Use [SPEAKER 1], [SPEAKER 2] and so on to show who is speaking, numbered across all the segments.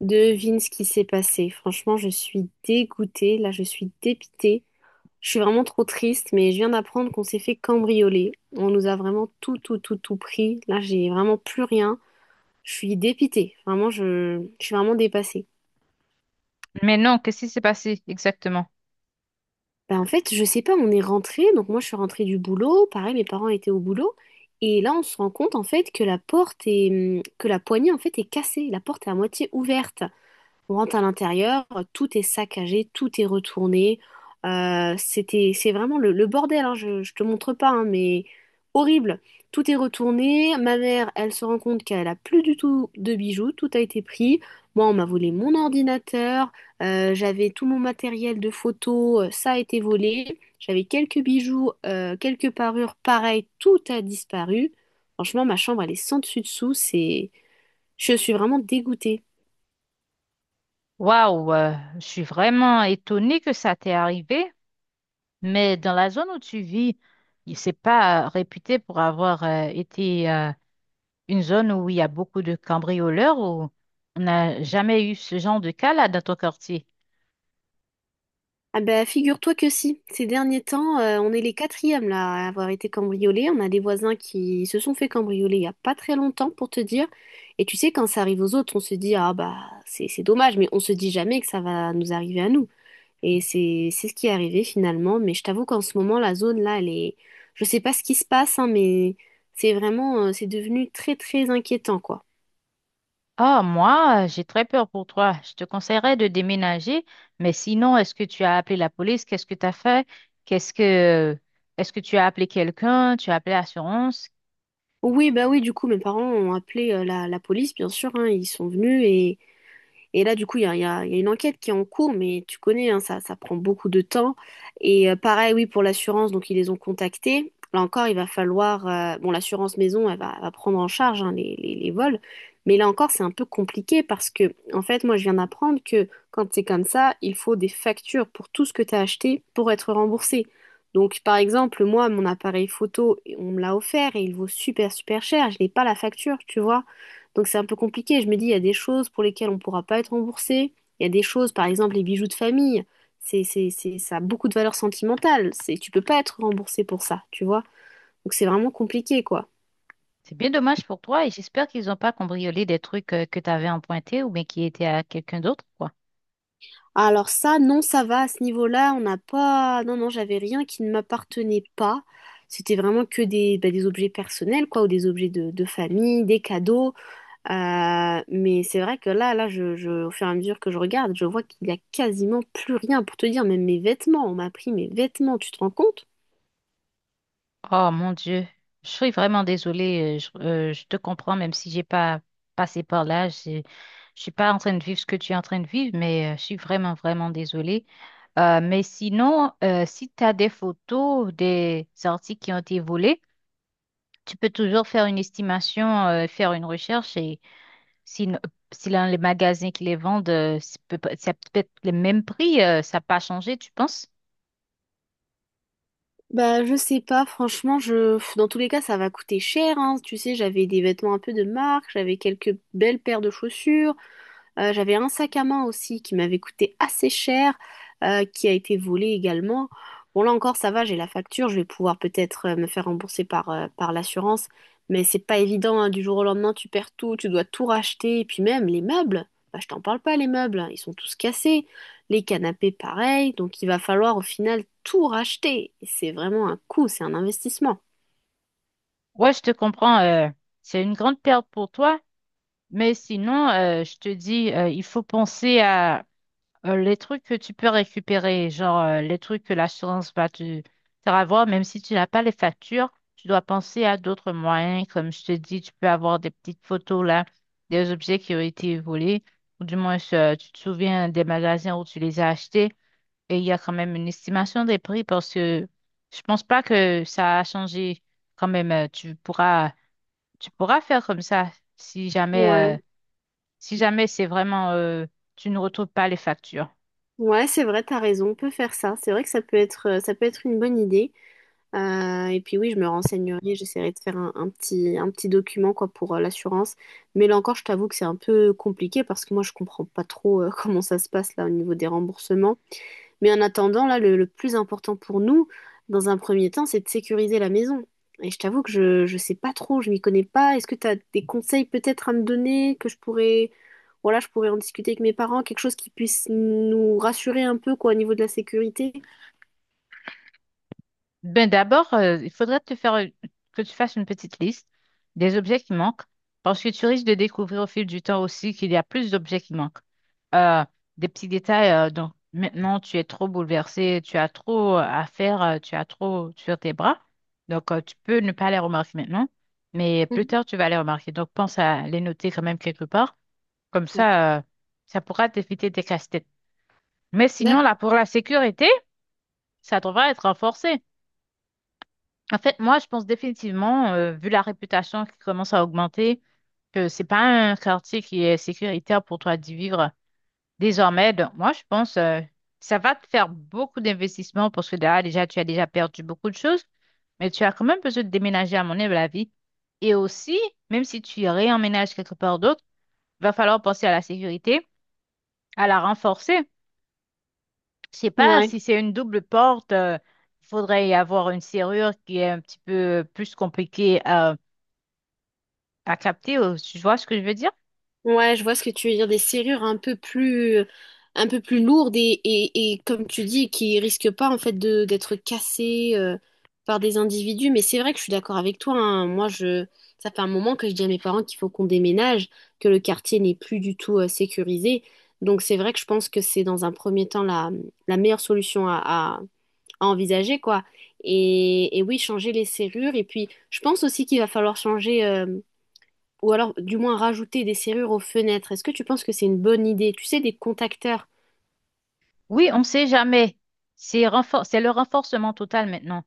[SPEAKER 1] Devine ce qui s'est passé. Franchement, je suis dégoûtée. Là, je suis dépitée. Je suis vraiment trop triste, mais je viens d'apprendre qu'on s'est fait cambrioler. On nous a vraiment tout, tout, tout, tout pris. Là, j'ai vraiment plus rien. Je suis dépitée. Vraiment, je suis vraiment dépassée.
[SPEAKER 2] Mais non, qu'est-ce qui s'est passé exactement?
[SPEAKER 1] Bah, en fait, je sais pas, on est rentré. Donc, moi, je suis rentrée du boulot. Pareil, mes parents étaient au boulot. Et là, on se rend compte, en fait, que que la poignée, en fait, est cassée. La porte est à moitié ouverte. On rentre à l'intérieur, tout est saccagé, tout est retourné. C'est vraiment le bordel, hein, je te montre pas, hein, mais horrible. Tout est retourné. Ma mère, elle se rend compte qu'elle a plus du tout de bijoux, tout a été pris. Moi, on m'a volé mon ordinateur, j'avais tout mon matériel de photo, ça a été volé. J'avais quelques bijoux, quelques parures, pareil, tout a disparu. Franchement, ma chambre, elle est sans dessus dessous. Je suis vraiment dégoûtée.
[SPEAKER 2] Waouh, je suis vraiment étonnée que ça t'est arrivé, mais dans la zone où tu vis, c'est pas réputé pour avoir été une zone où il y a beaucoup de cambrioleurs ou on n'a jamais eu ce genre de cas là dans ton quartier.
[SPEAKER 1] Ah bah figure-toi que si. Ces derniers temps, on est les quatrièmes là à avoir été cambriolés. On a des voisins qui se sont fait cambrioler il n'y a pas très longtemps pour te dire. Et tu sais, quand ça arrive aux autres, on se dit ah bah c'est dommage, mais on se dit jamais que ça va nous arriver à nous. Et c'est ce qui est arrivé finalement. Mais je t'avoue qu'en ce moment, la zone là, elle est. Je sais pas ce qui se passe, hein, mais c'est vraiment c'est devenu très très inquiétant quoi.
[SPEAKER 2] Ah, moi, j'ai très peur pour toi. Je te conseillerais de déménager, mais sinon, est-ce que tu as appelé la police? Qu'est-ce que tu as fait? Qu'est-ce que est-ce que tu as appelé quelqu'un? Tu as appelé l'assurance?
[SPEAKER 1] Oui, bah oui, du coup, mes parents ont appelé la police, bien sûr, hein, ils sont venus. Et là, du coup, il y a une enquête qui est en cours, mais tu connais, hein, ça prend beaucoup de temps. Et pareil, oui, pour l'assurance, donc ils les ont contactés. Là encore, il va falloir... bon, l'assurance maison, elle va prendre en charge hein, les vols. Mais là encore, c'est un peu compliqué parce que, en fait, moi, je viens d'apprendre que quand c'est comme ça, il faut des factures pour tout ce que tu as acheté pour être remboursé. Donc, par exemple, moi, mon appareil photo, on me l'a offert et il vaut super, super cher. Je n'ai pas la facture, tu vois. Donc c'est un peu compliqué. Je me dis, il y a des choses pour lesquelles on ne pourra pas être remboursé. Il y a des choses, par exemple, les bijoux de famille. Ça a beaucoup de valeur sentimentale. C'est, tu peux pas être remboursé pour ça, tu vois. Donc c'est vraiment compliqué, quoi.
[SPEAKER 2] C'est bien dommage pour toi et j'espère qu'ils n'ont pas cambriolé des trucs que tu avais empruntés ou bien qui étaient à quelqu'un d'autre, quoi.
[SPEAKER 1] Alors ça, non, ça va. À ce niveau-là, on n'a pas... Non, non, j'avais rien qui ne m'appartenait pas. C'était vraiment que des, bah, des objets personnels, quoi, ou des objets de famille, des cadeaux. Mais c'est vrai que là, au fur et à mesure que je regarde, je vois qu'il y a quasiment plus rien pour te dire, même mes vêtements, on m'a pris mes vêtements, tu te rends compte?
[SPEAKER 2] Oh mon Dieu, je suis vraiment désolée. Je te comprends, même si j'ai pas passé par là. Je suis pas en train de vivre ce que tu es en train de vivre, mais je suis vraiment, vraiment désolée. Mais sinon, si tu as des photos des articles qui ont été volés, tu peux toujours faire une estimation, faire une recherche et si, si dans les magasins qui les vendent, c'est c'est peut-être le même prix, ça n'a pas changé, tu penses?
[SPEAKER 1] Bah, je sais pas, franchement, dans tous les cas, ça va coûter cher, hein. Tu sais, j'avais des vêtements un peu de marque, j'avais quelques belles paires de chaussures. J'avais un sac à main aussi qui m'avait coûté assez cher, qui a été volé également. Bon, là encore, ça va, j'ai la facture, je vais pouvoir peut-être me faire rembourser par l'assurance, mais c'est pas évident, hein, du jour au lendemain, tu perds tout, tu dois tout racheter, et puis même les meubles, bah, je t'en parle pas, les meubles, ils sont tous cassés, les canapés pareil, donc il va falloir au final tout racheter. Et c'est vraiment un coût, c'est un investissement.
[SPEAKER 2] Ouais, je te comprends. C'est une grande perte pour toi. Mais sinon, je te dis, il faut penser à les trucs que tu peux récupérer, genre les trucs que l'assurance va te faire avoir, même si tu n'as pas les factures, tu dois penser à d'autres moyens. Comme je te dis, tu peux avoir des petites photos là, des objets qui ont été volés, ou du moins tu te souviens des magasins où tu les as achetés, et il y a quand même une estimation des prix parce que je pense pas que ça a changé. Quand même, tu pourras faire comme ça si jamais.
[SPEAKER 1] Ouais,
[SPEAKER 2] Si jamais c'est vraiment, tu ne retrouves pas les factures.
[SPEAKER 1] ouais, c'est vrai, t'as raison, on peut faire ça. C'est vrai que ça peut être une bonne idée. Et puis oui, je me renseignerai, j'essaierai de faire un petit document quoi, pour l'assurance. Mais là encore, je t'avoue que c'est un peu compliqué parce que moi, je comprends pas trop comment ça se passe là au niveau des remboursements. Mais en attendant, là, le plus important pour nous, dans un premier temps, c'est de sécuriser la maison. Et je t'avoue que je sais pas trop, je m'y connais pas. Est-ce que tu as des conseils peut-être à me donner que je pourrais, voilà, je pourrais en discuter avec mes parents, quelque chose qui puisse nous rassurer un peu quoi, au niveau de la sécurité?
[SPEAKER 2] Ben d'abord, il faudrait te faire, que tu fasses une petite liste des objets qui manquent, parce que tu risques de découvrir au fil du temps aussi qu'il y a plus d'objets qui manquent. Euh, des petits détails, donc maintenant tu es trop bouleversé, tu as trop à faire, tu as trop sur tes bras, donc tu peux ne pas les remarquer maintenant, mais plus
[SPEAKER 1] Mhm.
[SPEAKER 2] tard tu vas les remarquer. Donc pense à les noter quand même quelque part, comme
[SPEAKER 1] D'accord.
[SPEAKER 2] ça, ça pourra t'éviter des casse. Mais sinon, là,
[SPEAKER 1] D'accord.
[SPEAKER 2] pour la sécurité, ça devrait être renforcé. En fait, moi, je pense définitivement, vu la réputation qui commence à augmenter, que c'est pas un quartier qui est sécuritaire pour toi d'y vivre désormais. Donc, moi, je pense, ça va te faire beaucoup d'investissements parce que là, déjà, tu as déjà perdu beaucoup de choses, mais tu as quand même besoin de déménager, à mon avis. Et aussi, même si tu réemménages quelque part d'autre, il va falloir penser à la sécurité, à la renforcer. Je sais pas
[SPEAKER 1] Ouais.
[SPEAKER 2] si c'est une double porte, il faudrait y avoir une serrure qui est un petit peu plus compliquée à capter. Tu vois ce que je veux dire?
[SPEAKER 1] Ouais, je vois ce que tu veux dire, des serrures un peu plus lourdes et comme tu dis, qui risquent pas en fait de d'être cassées par des individus. Mais c'est vrai que je suis d'accord avec toi, hein. Ça fait un moment que je dis à mes parents qu'il faut qu'on déménage, que le quartier n'est plus du tout sécurisé. Donc c'est vrai que je pense que c'est dans un premier temps la meilleure solution à envisager, quoi. Et oui, changer les serrures. Et puis, je pense aussi qu'il va falloir changer. Ou alors du moins rajouter des serrures aux fenêtres. Est-ce que tu penses que c'est une bonne idée? Tu sais, des contacteurs.
[SPEAKER 2] Oui, on ne sait jamais. C'est le renforcement total maintenant.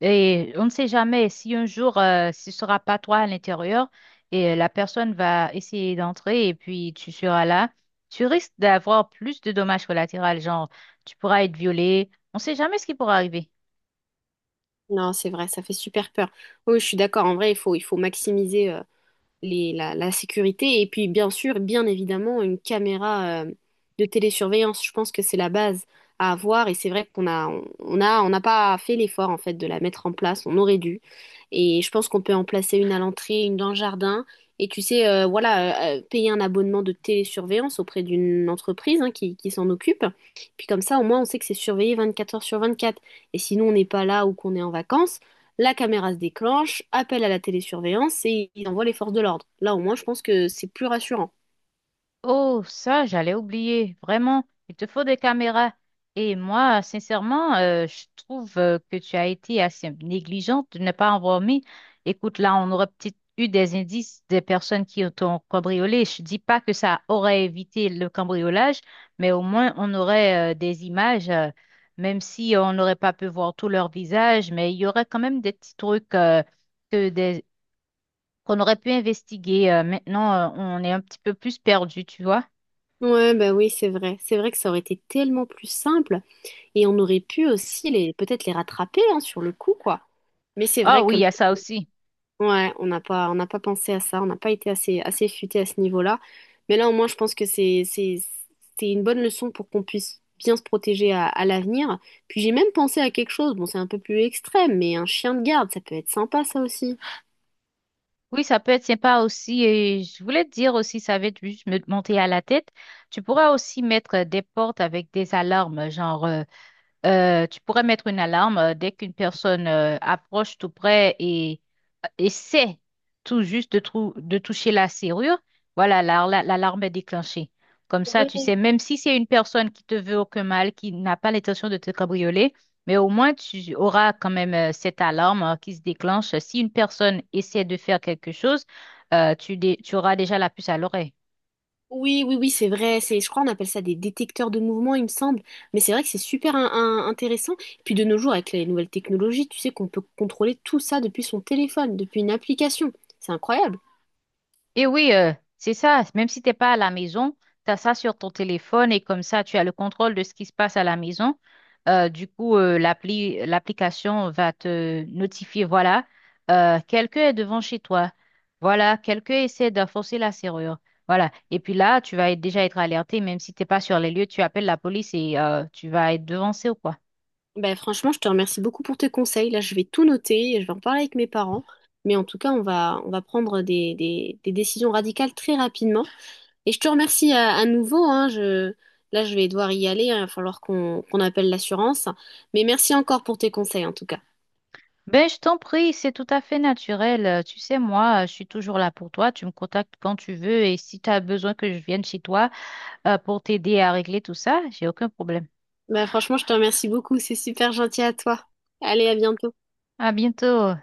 [SPEAKER 2] Et on ne sait jamais si un jour, ce sera pas toi à l'intérieur et la personne va essayer d'entrer et puis tu seras là. Tu risques d'avoir plus de dommages collatéraux, genre tu pourras être violé. On ne sait jamais ce qui pourra arriver.
[SPEAKER 1] Non, c'est vrai, ça fait super peur. Oui, je suis d'accord. En vrai, il faut maximiser. La sécurité et puis bien sûr, bien évidemment, une caméra de télésurveillance. Je pense que c'est la base à avoir et c'est vrai qu'on a, on a, on n'a pas fait l'effort en fait de la mettre en place. On aurait dû. Et je pense qu'on peut en placer une à l'entrée, une dans le jardin. Et tu sais, payer un abonnement de télésurveillance auprès d'une entreprise hein, qui s'en occupe. Puis comme ça, au moins, on sait que c'est surveillé 24 heures sur 24. Et sinon, on n'est pas là ou qu'on est en vacances. La caméra se déclenche, appel à la télésurveillance et ils envoient les forces de l'ordre. Là, au moins, je pense que c'est plus rassurant.
[SPEAKER 2] Oh, ça, j'allais oublier. Vraiment, il te faut des caméras. Et moi, sincèrement, je trouve que tu as été assez négligente de ne pas en avoir mis. Écoute, là, on aurait peut-être eu des indices des personnes qui t'ont cambriolé. Je dis pas que ça aurait évité le cambriolage, mais au moins, on aurait des images, même si on n'aurait pas pu voir tout leur visage, mais il y aurait quand même des petits trucs que des... qu'on aurait pu investiguer. Maintenant, on est un petit peu plus perdu, tu vois.
[SPEAKER 1] Ouais, bah oui, c'est vrai. C'est vrai que ça aurait été tellement plus simple et on aurait pu aussi les peut-être les rattraper hein, sur le coup, quoi. Mais c'est
[SPEAKER 2] Ah
[SPEAKER 1] vrai que
[SPEAKER 2] oui, il y a ça aussi.
[SPEAKER 1] ouais, on n'a pas pensé à ça, on n'a pas été assez futé à ce niveau-là. Mais là, au moins, je pense que c'est une bonne leçon pour qu'on puisse bien se protéger à l'avenir. Puis j'ai même pensé à quelque chose. Bon, c'est un peu plus extrême, mais un chien de garde, ça peut être sympa, ça aussi.
[SPEAKER 2] Oui, ça peut être sympa aussi. Et je voulais te dire aussi, ça va être juste me monter à la tête. Tu pourras aussi mettre des portes avec des alarmes, tu pourrais mettre une alarme dès qu'une personne approche tout près et essaie tout juste de, de toucher la serrure. Voilà, l'alarme est déclenchée. Comme ça,
[SPEAKER 1] Ouais.
[SPEAKER 2] tu sais, même si c'est une personne qui te veut aucun mal, qui n'a pas l'intention de te cabrioler, mais au moins tu auras quand même cette alarme qui se déclenche. Si une personne essaie de faire quelque chose, tu auras déjà la puce à l'oreille.
[SPEAKER 1] Oui, oui, oui, c'est vrai. C'est, je crois, on appelle ça des détecteurs de mouvement, il me semble. Mais c'est vrai que c'est super intéressant. Puis de nos jours, avec les nouvelles technologies, tu sais qu'on peut contrôler tout ça depuis son téléphone, depuis une application. C'est incroyable.
[SPEAKER 2] Et oui, c'est ça. Même si t'es pas à la maison, tu as ça sur ton téléphone et comme ça, tu as le contrôle de ce qui se passe à la maison. L'application va te notifier, voilà, quelqu'un est devant chez toi. Voilà, quelqu'un essaie de forcer la serrure. Voilà. Et puis là, déjà être alerté, même si t'es pas sur les lieux, tu appelles la police et tu vas être devancé ou quoi.
[SPEAKER 1] Ben, franchement, je te remercie beaucoup pour tes conseils. Là, je vais tout noter et je vais en parler avec mes parents. Mais en tout cas, on va prendre des décisions radicales très rapidement. Et je te remercie à nouveau, hein. Là, je vais devoir y aller, hein. Il va falloir qu'on appelle l'assurance. Mais merci encore pour tes conseils, en tout cas.
[SPEAKER 2] Ben, je t'en prie, c'est tout à fait naturel. Tu sais, moi, je suis toujours là pour toi. Tu me contactes quand tu veux et si tu as besoin que je vienne chez toi pour t'aider à régler tout ça, j'ai aucun problème.
[SPEAKER 1] Bah, franchement, je te remercie beaucoup. C'est super gentil à toi. Allez, à bientôt.
[SPEAKER 2] À bientôt.